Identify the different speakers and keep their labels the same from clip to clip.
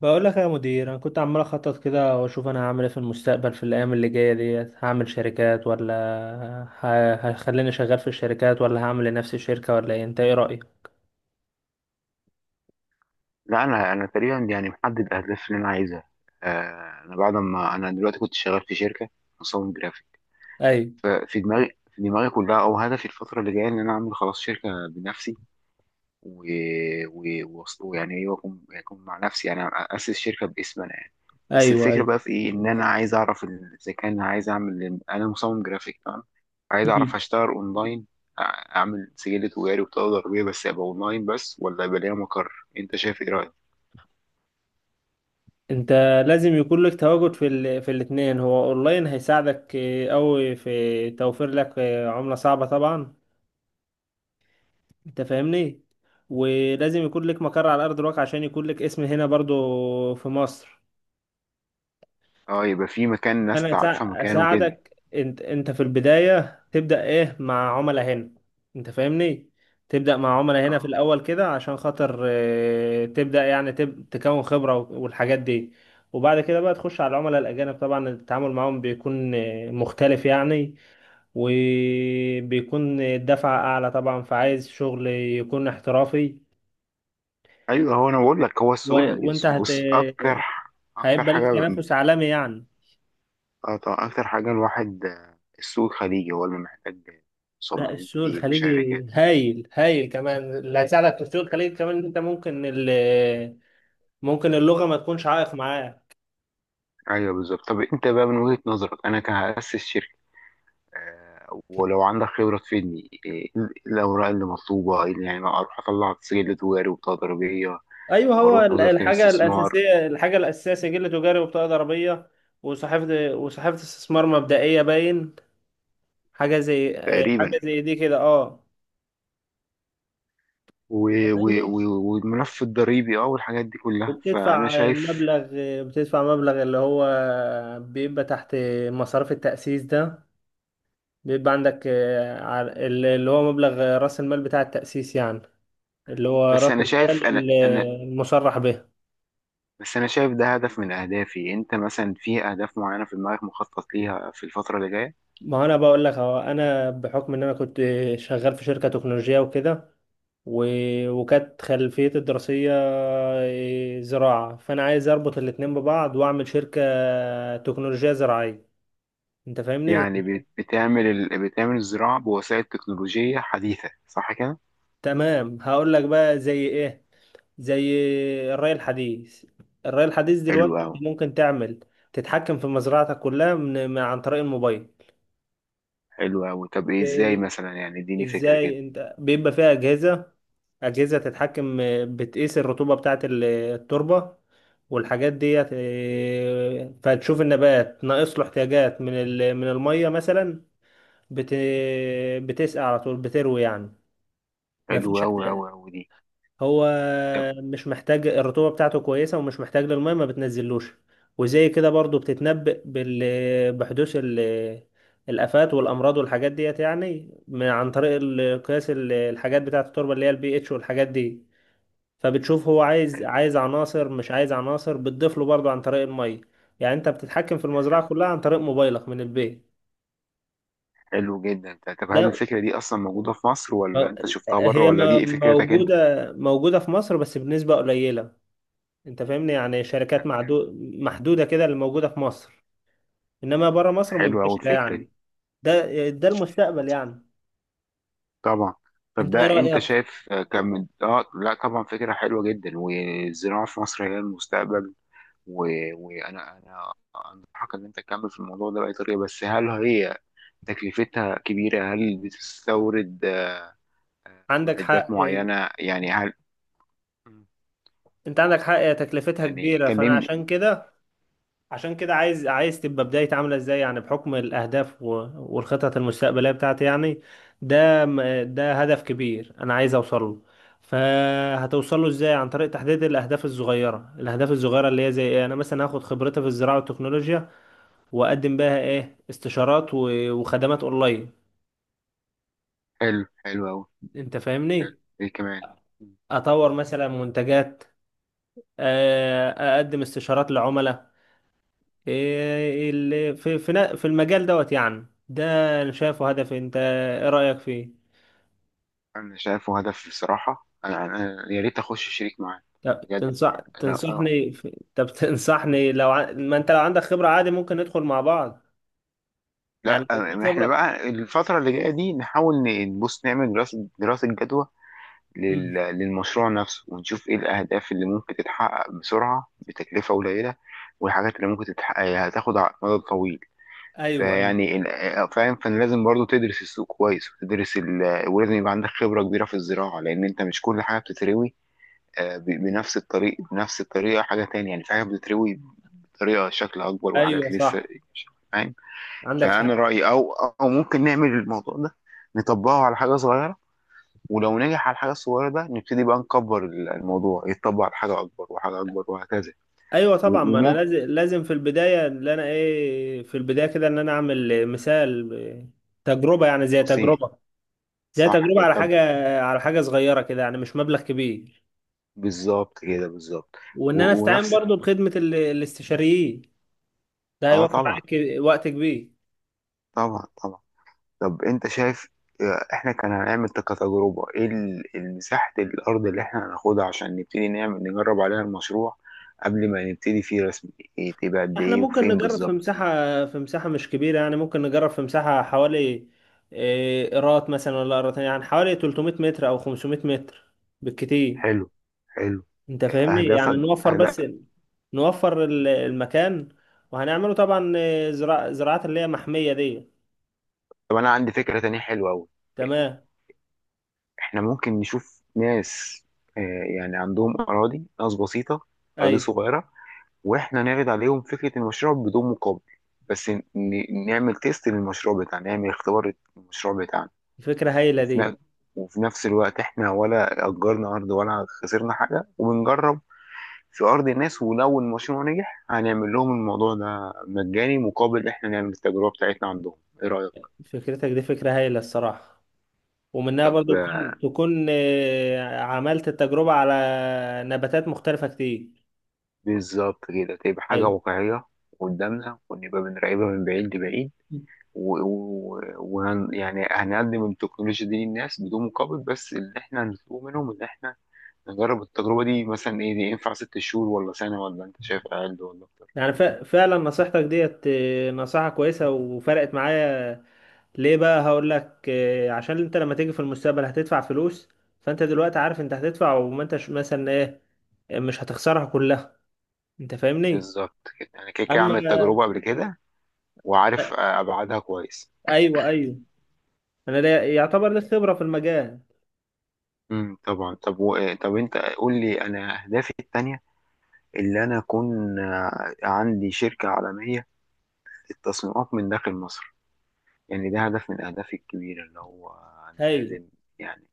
Speaker 1: بقول لك يا مدير، انا كنت عمال اخطط كده واشوف انا هعمل ايه في المستقبل، في الايام اللي جايه ديت هعمل شركات، ولا هخليني شغال في الشركات، ولا هعمل لنفسي شركه، ولا ايه؟ انت ايه رايك؟
Speaker 2: لا، انا تقريبا يعني محدد الاهداف اللي انا عايزها. انا بعد ما انا دلوقتي كنت شغال في شركه مصمم جرافيك.
Speaker 1: ايوه،
Speaker 2: ففي دماغي كلها او هدفي الفتره اللي جايه ان انا اعمل خلاص شركه بنفسي و... و... وأص- ويعني ايه واكون اكون مع نفسي يعني اسس شركه باسم انا يعني. بس
Speaker 1: ايوه،
Speaker 2: الفكره
Speaker 1: ايوه.
Speaker 2: بقى في ايه، ان انا عايز اعرف اذا كان عايز اعمل انا مصمم جرافيك تمام، عايز اعرف
Speaker 1: مم.
Speaker 2: اشتغل اونلاين. أع- اعمل سجل تجاري وبطاقه ضريبيه بس ابقى اونلاين بس، ولا يبقى ليا مقر؟ انت شايف ايه رايك؟
Speaker 1: انت لازم يكون لك تواجد في الاثنين. هو اونلاين هيساعدك قوي في توفير لك عمله صعبه طبعا. انت فاهمني؟ ولازم يكون لك مقر على ارض الواقع عشان يكون لك اسم هنا برضو في مصر.
Speaker 2: اه، يبقى في مكان ناس
Speaker 1: انا
Speaker 2: تعرفها مكانه كده.
Speaker 1: اساعدك. انت في البدايه تبدا ايه مع عملاء هنا. انت فاهمني؟ تبدا مع عملاء هنا في
Speaker 2: اه
Speaker 1: الاول كده عشان خاطر تبدا يعني تكون خبره والحاجات دي. وبعد كده بقى تخش على العملاء الاجانب. طبعا التعامل معاهم بيكون مختلف يعني. وبيكون الدفعه اعلى طبعا، فعايز شغل يكون احترافي.
Speaker 2: ايوه، هو انا بقول لك، هو
Speaker 1: و... وانت هت...
Speaker 2: بص، اكتر اكتر
Speaker 1: هيبقى لك
Speaker 2: حاجه
Speaker 1: تنافس عالمي يعني.
Speaker 2: آه طبعاً، اكتر حاجه الواحد، السوق الخليجي هو اللي محتاج
Speaker 1: لا،
Speaker 2: مصممين
Speaker 1: السوق
Speaker 2: كتير
Speaker 1: الخليجي
Speaker 2: وشركات.
Speaker 1: هايل هايل. كمان اللي هيساعدك في السوق الخليجي كمان إن انت ممكن اللغة ما تكونش عائق معاه.
Speaker 2: ايوه بالظبط. طب انت بقى من وجهه نظرك انا كهأسس شركه، ولو عندك خبره تفيدني، إيه الاوراق اللي مطلوبه، إيه اللي يعني اروح اطلع سجل تجاري وتضريبيه
Speaker 1: ايوه. هو
Speaker 2: واروح
Speaker 1: ال-
Speaker 2: وزاره
Speaker 1: الحاجة
Speaker 2: الاستثمار؟
Speaker 1: الأساسية، الحاجة الأساسية سجل تجاري وبطاقة ضريبية. وصحيفة استثمار مبدئية باين. حاجة زي
Speaker 2: تقريبا.
Speaker 1: حاجة زي دي كده، اه.
Speaker 2: و- و-
Speaker 1: فاهمني؟
Speaker 2: و- والملف الضريبي اه والحاجات دي كلها، فانا
Speaker 1: وبتدفع
Speaker 2: شايف.
Speaker 1: مبلغ بتدفع مبلغ اللي هو بيبقى تحت مصاريف التأسيس ده. بيبقى عندك اللي هو مبلغ رأس المال بتاع التأسيس يعني، اللي هو
Speaker 2: بس
Speaker 1: راس
Speaker 2: انا شايف انا
Speaker 1: المال
Speaker 2: انا
Speaker 1: المصرح به.
Speaker 2: بس انا شايف ده هدف من اهدافي. انت مثلا في اهداف معينه في دماغك مخطط ليها في الفتره اللي جايه؟
Speaker 1: ما هو انا بقول لك، اهو انا بحكم ان انا كنت شغال في شركه تكنولوجيه وكده، وكانت خلفيتي الدراسيه زراعه، فانا عايز اربط الاتنين ببعض واعمل شركه تكنولوجيه زراعيه. انت فاهمني؟
Speaker 2: بتعمل بتعمل الزراعه بوسائل تكنولوجيه حديثه، صح كده؟
Speaker 1: تمام، هقول لك بقى زي ايه. زي الري الحديث. الري الحديث
Speaker 2: حلو
Speaker 1: دلوقتي
Speaker 2: قوي.
Speaker 1: انت ممكن تعمل، تتحكم في مزرعتك كلها من عن طريق الموبايل.
Speaker 2: حلو قوي. طب ايه، ازاي
Speaker 1: إيه،
Speaker 2: مثلا، يعني اديني فكره كده.
Speaker 1: ازاي؟ انت بيبقى فيها اجهزه، أجهزة تتحكم، بتقيس الرطوبة بتاعة التربة والحاجات ديت. فتشوف النبات ناقص له احتياجات من من المية مثلا. بت بتسقى على طول، بتروي يعني.
Speaker 2: حلو
Speaker 1: مفيش
Speaker 2: قوي
Speaker 1: احتياج،
Speaker 2: قوي قوي دي.
Speaker 1: هو
Speaker 2: طب،
Speaker 1: مش محتاج. الرطوبة بتاعته كويسة ومش محتاج للمية ما بتنزلوش. وزي كده برضو بتتنبأ بال بحدوث الآفات والأمراض والحاجات ديت يعني، من عن طريق قياس الحاجات بتاعة التربة اللي هي البي اتش والحاجات دي. فبتشوف هو عايز
Speaker 2: حلو جدا.
Speaker 1: عايز عناصر مش عايز عناصر، بتضيف له برضه عن طريق الميه. يعني انت بتتحكم في المزرعه كلها عن طريق موبايلك من البيت.
Speaker 2: حلو جدا. طب هل
Speaker 1: ده
Speaker 2: الفكره دي اصلا موجوده في مصر ولا
Speaker 1: م-
Speaker 2: انت شفتها بره ولا دي فكرتك
Speaker 1: موجوده في مصر بس بنسبه قليله. انت فاهمني؟ يعني شركات
Speaker 2: انت؟
Speaker 1: محدوده كده اللي موجوده في مصر. انما بره مصر
Speaker 2: حلوة أوي
Speaker 1: منتشره
Speaker 2: الفكرة
Speaker 1: يعني.
Speaker 2: دي.
Speaker 1: ده المستقبل يعني.
Speaker 2: طبعا. طب
Speaker 1: انت ايه
Speaker 2: ده أنت
Speaker 1: رايك؟
Speaker 2: شايف آه، كان من آه لا، طبعا فكرة حلوة جدا، والزراعة في مصر هي المستقبل. و... وأنا، أنصحك إن أنت تكمل في الموضوع ده بأي طريقة. بس هل هي تكلفتها كبيرة؟ هل بتستورد
Speaker 1: عندك
Speaker 2: معدات
Speaker 1: حق.
Speaker 2: معينة يعني؟ هل
Speaker 1: انت عندك حق، هي تكلفتها
Speaker 2: يعني
Speaker 1: كبيره. فانا
Speaker 2: كلمني.
Speaker 1: عشان كده، عايز تبقى بدايتي عاملة ازاي، يعني بحكم الأهداف والخطط المستقبلية بتاعتي يعني. ده هدف كبير أنا عايز أوصل له. فهتوصل له ازاي؟ عن طريق تحديد الأهداف الصغيرة. الأهداف الصغيرة اللي هي زي ايه؟ أنا مثلا هاخد خبرتي في الزراعة والتكنولوجيا وأقدم بها ايه استشارات وخدمات أونلاين.
Speaker 2: حلو. حلو أوي.
Speaker 1: أنت
Speaker 2: حلو.
Speaker 1: فاهمني؟
Speaker 2: إيه كمان؟
Speaker 1: أطور مثلا منتجات، آه، أقدم استشارات لعملاء. إيه اللي في المجال دوت يعني. ده انا شايفه هدف. انت ايه رأيك فيه؟
Speaker 2: أنا شايفه هدف بصراحة. أنا أنا يا ريت أخش شريك معاه
Speaker 1: طب
Speaker 2: بجد. أنا
Speaker 1: طب تنصحني لو ما انت لو عندك خبرة عادي ممكن ندخل مع بعض. يعني
Speaker 2: لا،
Speaker 1: لو في
Speaker 2: احنا
Speaker 1: خبرة.
Speaker 2: بقى الفترة اللي جاية دي نحاول نبص نعمل دراسة جدوى
Speaker 1: مم.
Speaker 2: للمشروع نفسه، ونشوف ايه الأهداف اللي ممكن تتحقق بسرعة بتكلفة قليلة، والحاجات اللي ممكن تتحقق هتاخد على المدى الطويل.
Speaker 1: ايوه، ايوه،
Speaker 2: فيعني ال- آه، فاهم، فانا لازم برضو تدرس السوق كويس وتدرس ولازم يبقى عندك خبرة كبيرة في الزراعة، لأن أنت مش كل حاجة بتتروي بنفس الطريقة. حاجة تانية يعني، في حاجة بتتروي بطريقة شكل أكبر وحاجات
Speaker 1: ايوه.
Speaker 2: لسه،
Speaker 1: صح،
Speaker 2: فاهم.
Speaker 1: عندك
Speaker 2: فانا
Speaker 1: حق.
Speaker 2: رايي او او ممكن نعمل الموضوع ده نطبقه على حاجه صغيره، ولو نجح على الحاجه الصغيره ده نبتدي بقى نكبر الموضوع، يتطبق على حاجه اكبر وحاجه اكبر وهكذا.
Speaker 1: ايوه طبعا،
Speaker 2: و-
Speaker 1: ما انا
Speaker 2: وممكن
Speaker 1: لازم، لازم في البداية اللي انا ايه، في البداية كده ان انا اعمل مثال تجربة يعني، زي
Speaker 2: بصين
Speaker 1: تجربة، زي
Speaker 2: صح
Speaker 1: تجربة
Speaker 2: كده.
Speaker 1: على
Speaker 2: طب
Speaker 1: حاجة، على حاجة صغيرة كده، يعني مش مبلغ كبير.
Speaker 2: بالظبط كده بالظبط.
Speaker 1: وان انا
Speaker 2: و-
Speaker 1: استعين
Speaker 2: ونفس،
Speaker 1: برضو بخدمه الاستشاريين. ده
Speaker 2: اه
Speaker 1: هيوفر
Speaker 2: طبعا،
Speaker 1: عليك وقت كبير.
Speaker 2: طبعا طبعا. طب انت شايف، احنا كان هنعمل كتجربه ايه المساحه الارض اللي احنا هناخدها عشان نبتدي نعمل نجرب عليها المشروع قبل ما نبتدي فيه رسمي؟ إيه، تبقى قد
Speaker 1: احنا
Speaker 2: ايه
Speaker 1: ممكن
Speaker 2: وفين
Speaker 1: نجرب في
Speaker 2: بالظبط؟
Speaker 1: مساحه، في مساحه مش كبيره يعني. ممكن نجرب في مساحه حوالي قيراط مثلا ولا قيراطين، يعني حوالي 300 متر او 500 متر بالكتير.
Speaker 2: حلو. حلو.
Speaker 1: انت فاهمني؟ يعني
Speaker 2: اهدافك
Speaker 1: نوفر بس،
Speaker 2: أهداف.
Speaker 1: نوفر المكان. وهنعمله طبعا إيه، زراع زراعات اللي هي محميه دي.
Speaker 2: طب انا عندي فكره تانية حلوه قوي.
Speaker 1: تمام.
Speaker 2: احنا ممكن نشوف ناس، آه، يعني عندهم اراضي، ناس بسيطه اراضي
Speaker 1: ايوه،
Speaker 2: صغيره، واحنا نعرض عليهم فكره المشروع بدون مقابل، بس نعمل تيست للمشروع بتاعنا، نعمل اختبار للمشروع بتاعنا.
Speaker 1: فكره هايله
Speaker 2: وفي
Speaker 1: دي.
Speaker 2: ن- وفي نفس الوقت احنا ولا اجرنا ارض ولا خسرنا حاجه وبنجرب في ارض الناس، ولو المشروع نجح هنعمل لهم الموضوع ده مجاني مقابل احنا نعمل التجربه بتاعتنا عندهم. ايه رايك؟
Speaker 1: فكرتك دي فكره هايله الصراحه. ومنها
Speaker 2: طب
Speaker 1: برضو تكون عملت التجربة على نباتات مختلفة كتير.
Speaker 2: بالظبط كده، تبقى حاجة
Speaker 1: أيوة.
Speaker 2: واقعية قدامنا، ونبقى بنراقبها من بعيد لبعيد، يعني هنقدم التكنولوجيا دي للناس بدون مقابل، بس اللي احنا هنطلبه منهم ان احنا نجرب التجربة دي. مثلا ايه، دي ينفع ست شهور ولا سنة ولا انت شايف اقل ولا اكتر؟
Speaker 1: يعني فعلا نصيحتك ديت نصيحة كويسة وفرقت معايا. ليه بقى؟ هقول لك عشان انت لما تيجي في المستقبل هتدفع فلوس. فانت دلوقتي عارف انت هتدفع، وما انتش مثلا ايه، مش هتخسرها كلها. انت فاهمني؟
Speaker 2: بالظبط كده، انا كده كده
Speaker 1: اما
Speaker 2: عامل التجربة قبل كده وعارف ابعادها كويس.
Speaker 1: ايوه، ايوه. انا يعتبر لي خبرة في المجال.
Speaker 2: طبعا. طب طب انت قول لي انا اهدافي التانية، اللي انا اكون عندي شركة عالمية للتصميمات من داخل مصر. يعني ده هدف من أهدافي الكبيرة، اللي هو أنا
Speaker 1: هايل
Speaker 2: لازم يعني،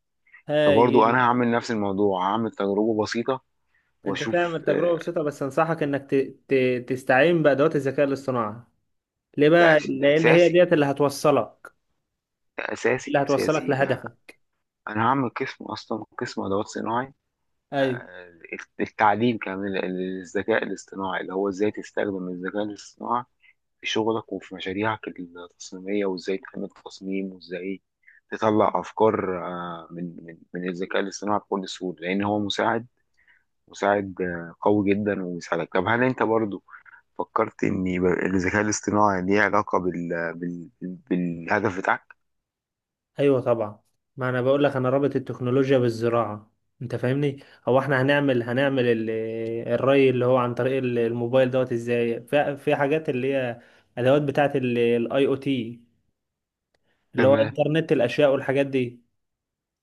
Speaker 2: فبرضو أنا
Speaker 1: هايل.
Speaker 2: هعمل نفس الموضوع، هعمل تجربة بسيطة
Speaker 1: انت تعمل
Speaker 2: وأشوف
Speaker 1: تجربة بسيطة بس انصحك انك تستعين بأدوات الذكاء الاصطناعي. ليه بقى؟
Speaker 2: ده
Speaker 1: لان هي
Speaker 2: أساسي.
Speaker 1: ديت
Speaker 2: ده أساسي
Speaker 1: اللي هتوصلك
Speaker 2: أساسي ده.
Speaker 1: لهدفك.
Speaker 2: أنا هعمل قسم أصلا، قسم أدوات صناعي،
Speaker 1: ايوه،
Speaker 2: آه، التعليم كمان للذكاء الاصطناعي، اللي هو إزاي تستخدم الذكاء الاصطناعي في شغلك وفي مشاريعك التصميمية، وإزاي تعمل تصميم، وإزاي تطلع أفكار من الذكاء الاصطناعي بكل سهولة، لأن هو مساعد قوي جدا ويساعدك. طب هل انت برضو فكرت ان يبقى الذكاء الاصطناعي ليه علاقة بالهدف بتاعك؟
Speaker 1: ايوه طبعا. ما انا بقول لك، انا رابط التكنولوجيا بالزراعة. انت فاهمني؟ هو احنا الري اللي هو عن طريق الموبايل دوت، ازاي؟ في حاجات اللي هي ادوات بتاعت الاي او تي، اللي هو
Speaker 2: تمام.
Speaker 1: انترنت الاشياء والحاجات دي.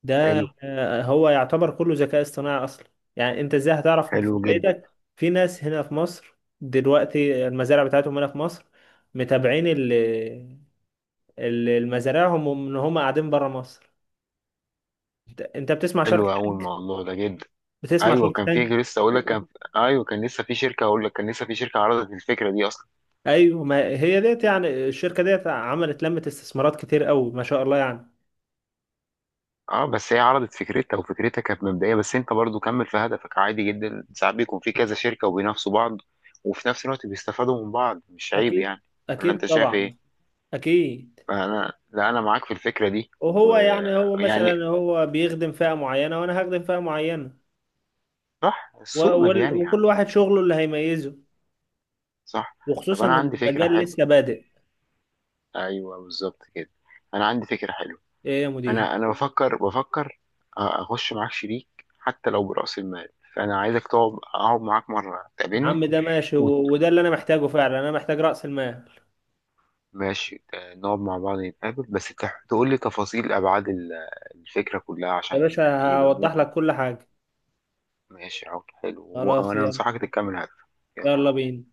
Speaker 1: ده
Speaker 2: حلو.
Speaker 1: هو يعتبر كله ذكاء اصطناعي اصلا. يعني انت ازاي هتعرف في
Speaker 2: حلو جدا.
Speaker 1: بيتك؟ في ناس هنا في مصر دلوقتي المزارع بتاعتهم هنا في مصر متابعين المزارعهم وان هم قاعدين بره مصر. أنت بتسمع شارك
Speaker 2: حلو قوي
Speaker 1: تانك؟
Speaker 2: الموضوع ده جدا.
Speaker 1: بتسمع
Speaker 2: ايوه
Speaker 1: شارك
Speaker 2: كان في
Speaker 1: تانك؟
Speaker 2: لسه اقول لك كان ايوه كان لسه في شركه عرضت الفكره دي اصلا.
Speaker 1: ايوه، ما هي ديت يعني، الشركه ديت عملت لمة استثمارات كتير قوي ما شاء الله يعني.
Speaker 2: اه، بس هي عرضت فكرتها وفكرتها كانت مبدئيه، بس انت برضو كمل في هدفك عادي جدا. ساعات بيكون في كذا شركه وبينافسوا بعض، وفي نفس الوقت بيستفادوا من بعض، مش عيب
Speaker 1: اكيد.
Speaker 2: يعني. ولا
Speaker 1: اكيد
Speaker 2: انت شايف
Speaker 1: طبعا.
Speaker 2: ايه؟
Speaker 1: اكيد.
Speaker 2: انا لا، انا معاك في الفكره دي
Speaker 1: وهو يعني، هو
Speaker 2: ويعني.
Speaker 1: مثلا هو بيخدم فئة معينة وانا هخدم فئة معينة.
Speaker 2: صح، السوق مليان يا
Speaker 1: وكل
Speaker 2: عم.
Speaker 1: واحد شغله اللي هيميزه.
Speaker 2: صح. طب
Speaker 1: وخصوصا
Speaker 2: انا عندي فكره
Speaker 1: المجال
Speaker 2: حلوه.
Speaker 1: لسه بادئ.
Speaker 2: ايوه بالظبط كده. انا عندي فكره حلوه.
Speaker 1: ايه يا مدير؟
Speaker 2: انا انا بفكر اخش معاك شريك حتى لو براس المال. فانا عايزك تقعد اقعد معاك مره
Speaker 1: يا
Speaker 2: تقابلني
Speaker 1: عم ده ماشي،
Speaker 2: وت-
Speaker 1: وده اللي انا محتاجه فعلا. انا محتاج رأس المال.
Speaker 2: ماشي، نقعد مع بعض نتقابل، بس تقول لي تفاصيل ابعاد الفكره كلها
Speaker 1: يا
Speaker 2: عشان
Speaker 1: باشا
Speaker 2: يبقى
Speaker 1: هوضح
Speaker 2: ممكن.
Speaker 1: لك كل حاجة.
Speaker 2: ماشي، عقد حلو،
Speaker 1: خلاص
Speaker 2: وانا
Speaker 1: يلا.
Speaker 2: انصحك تكمل هدفك. يلا.
Speaker 1: يلا بينا.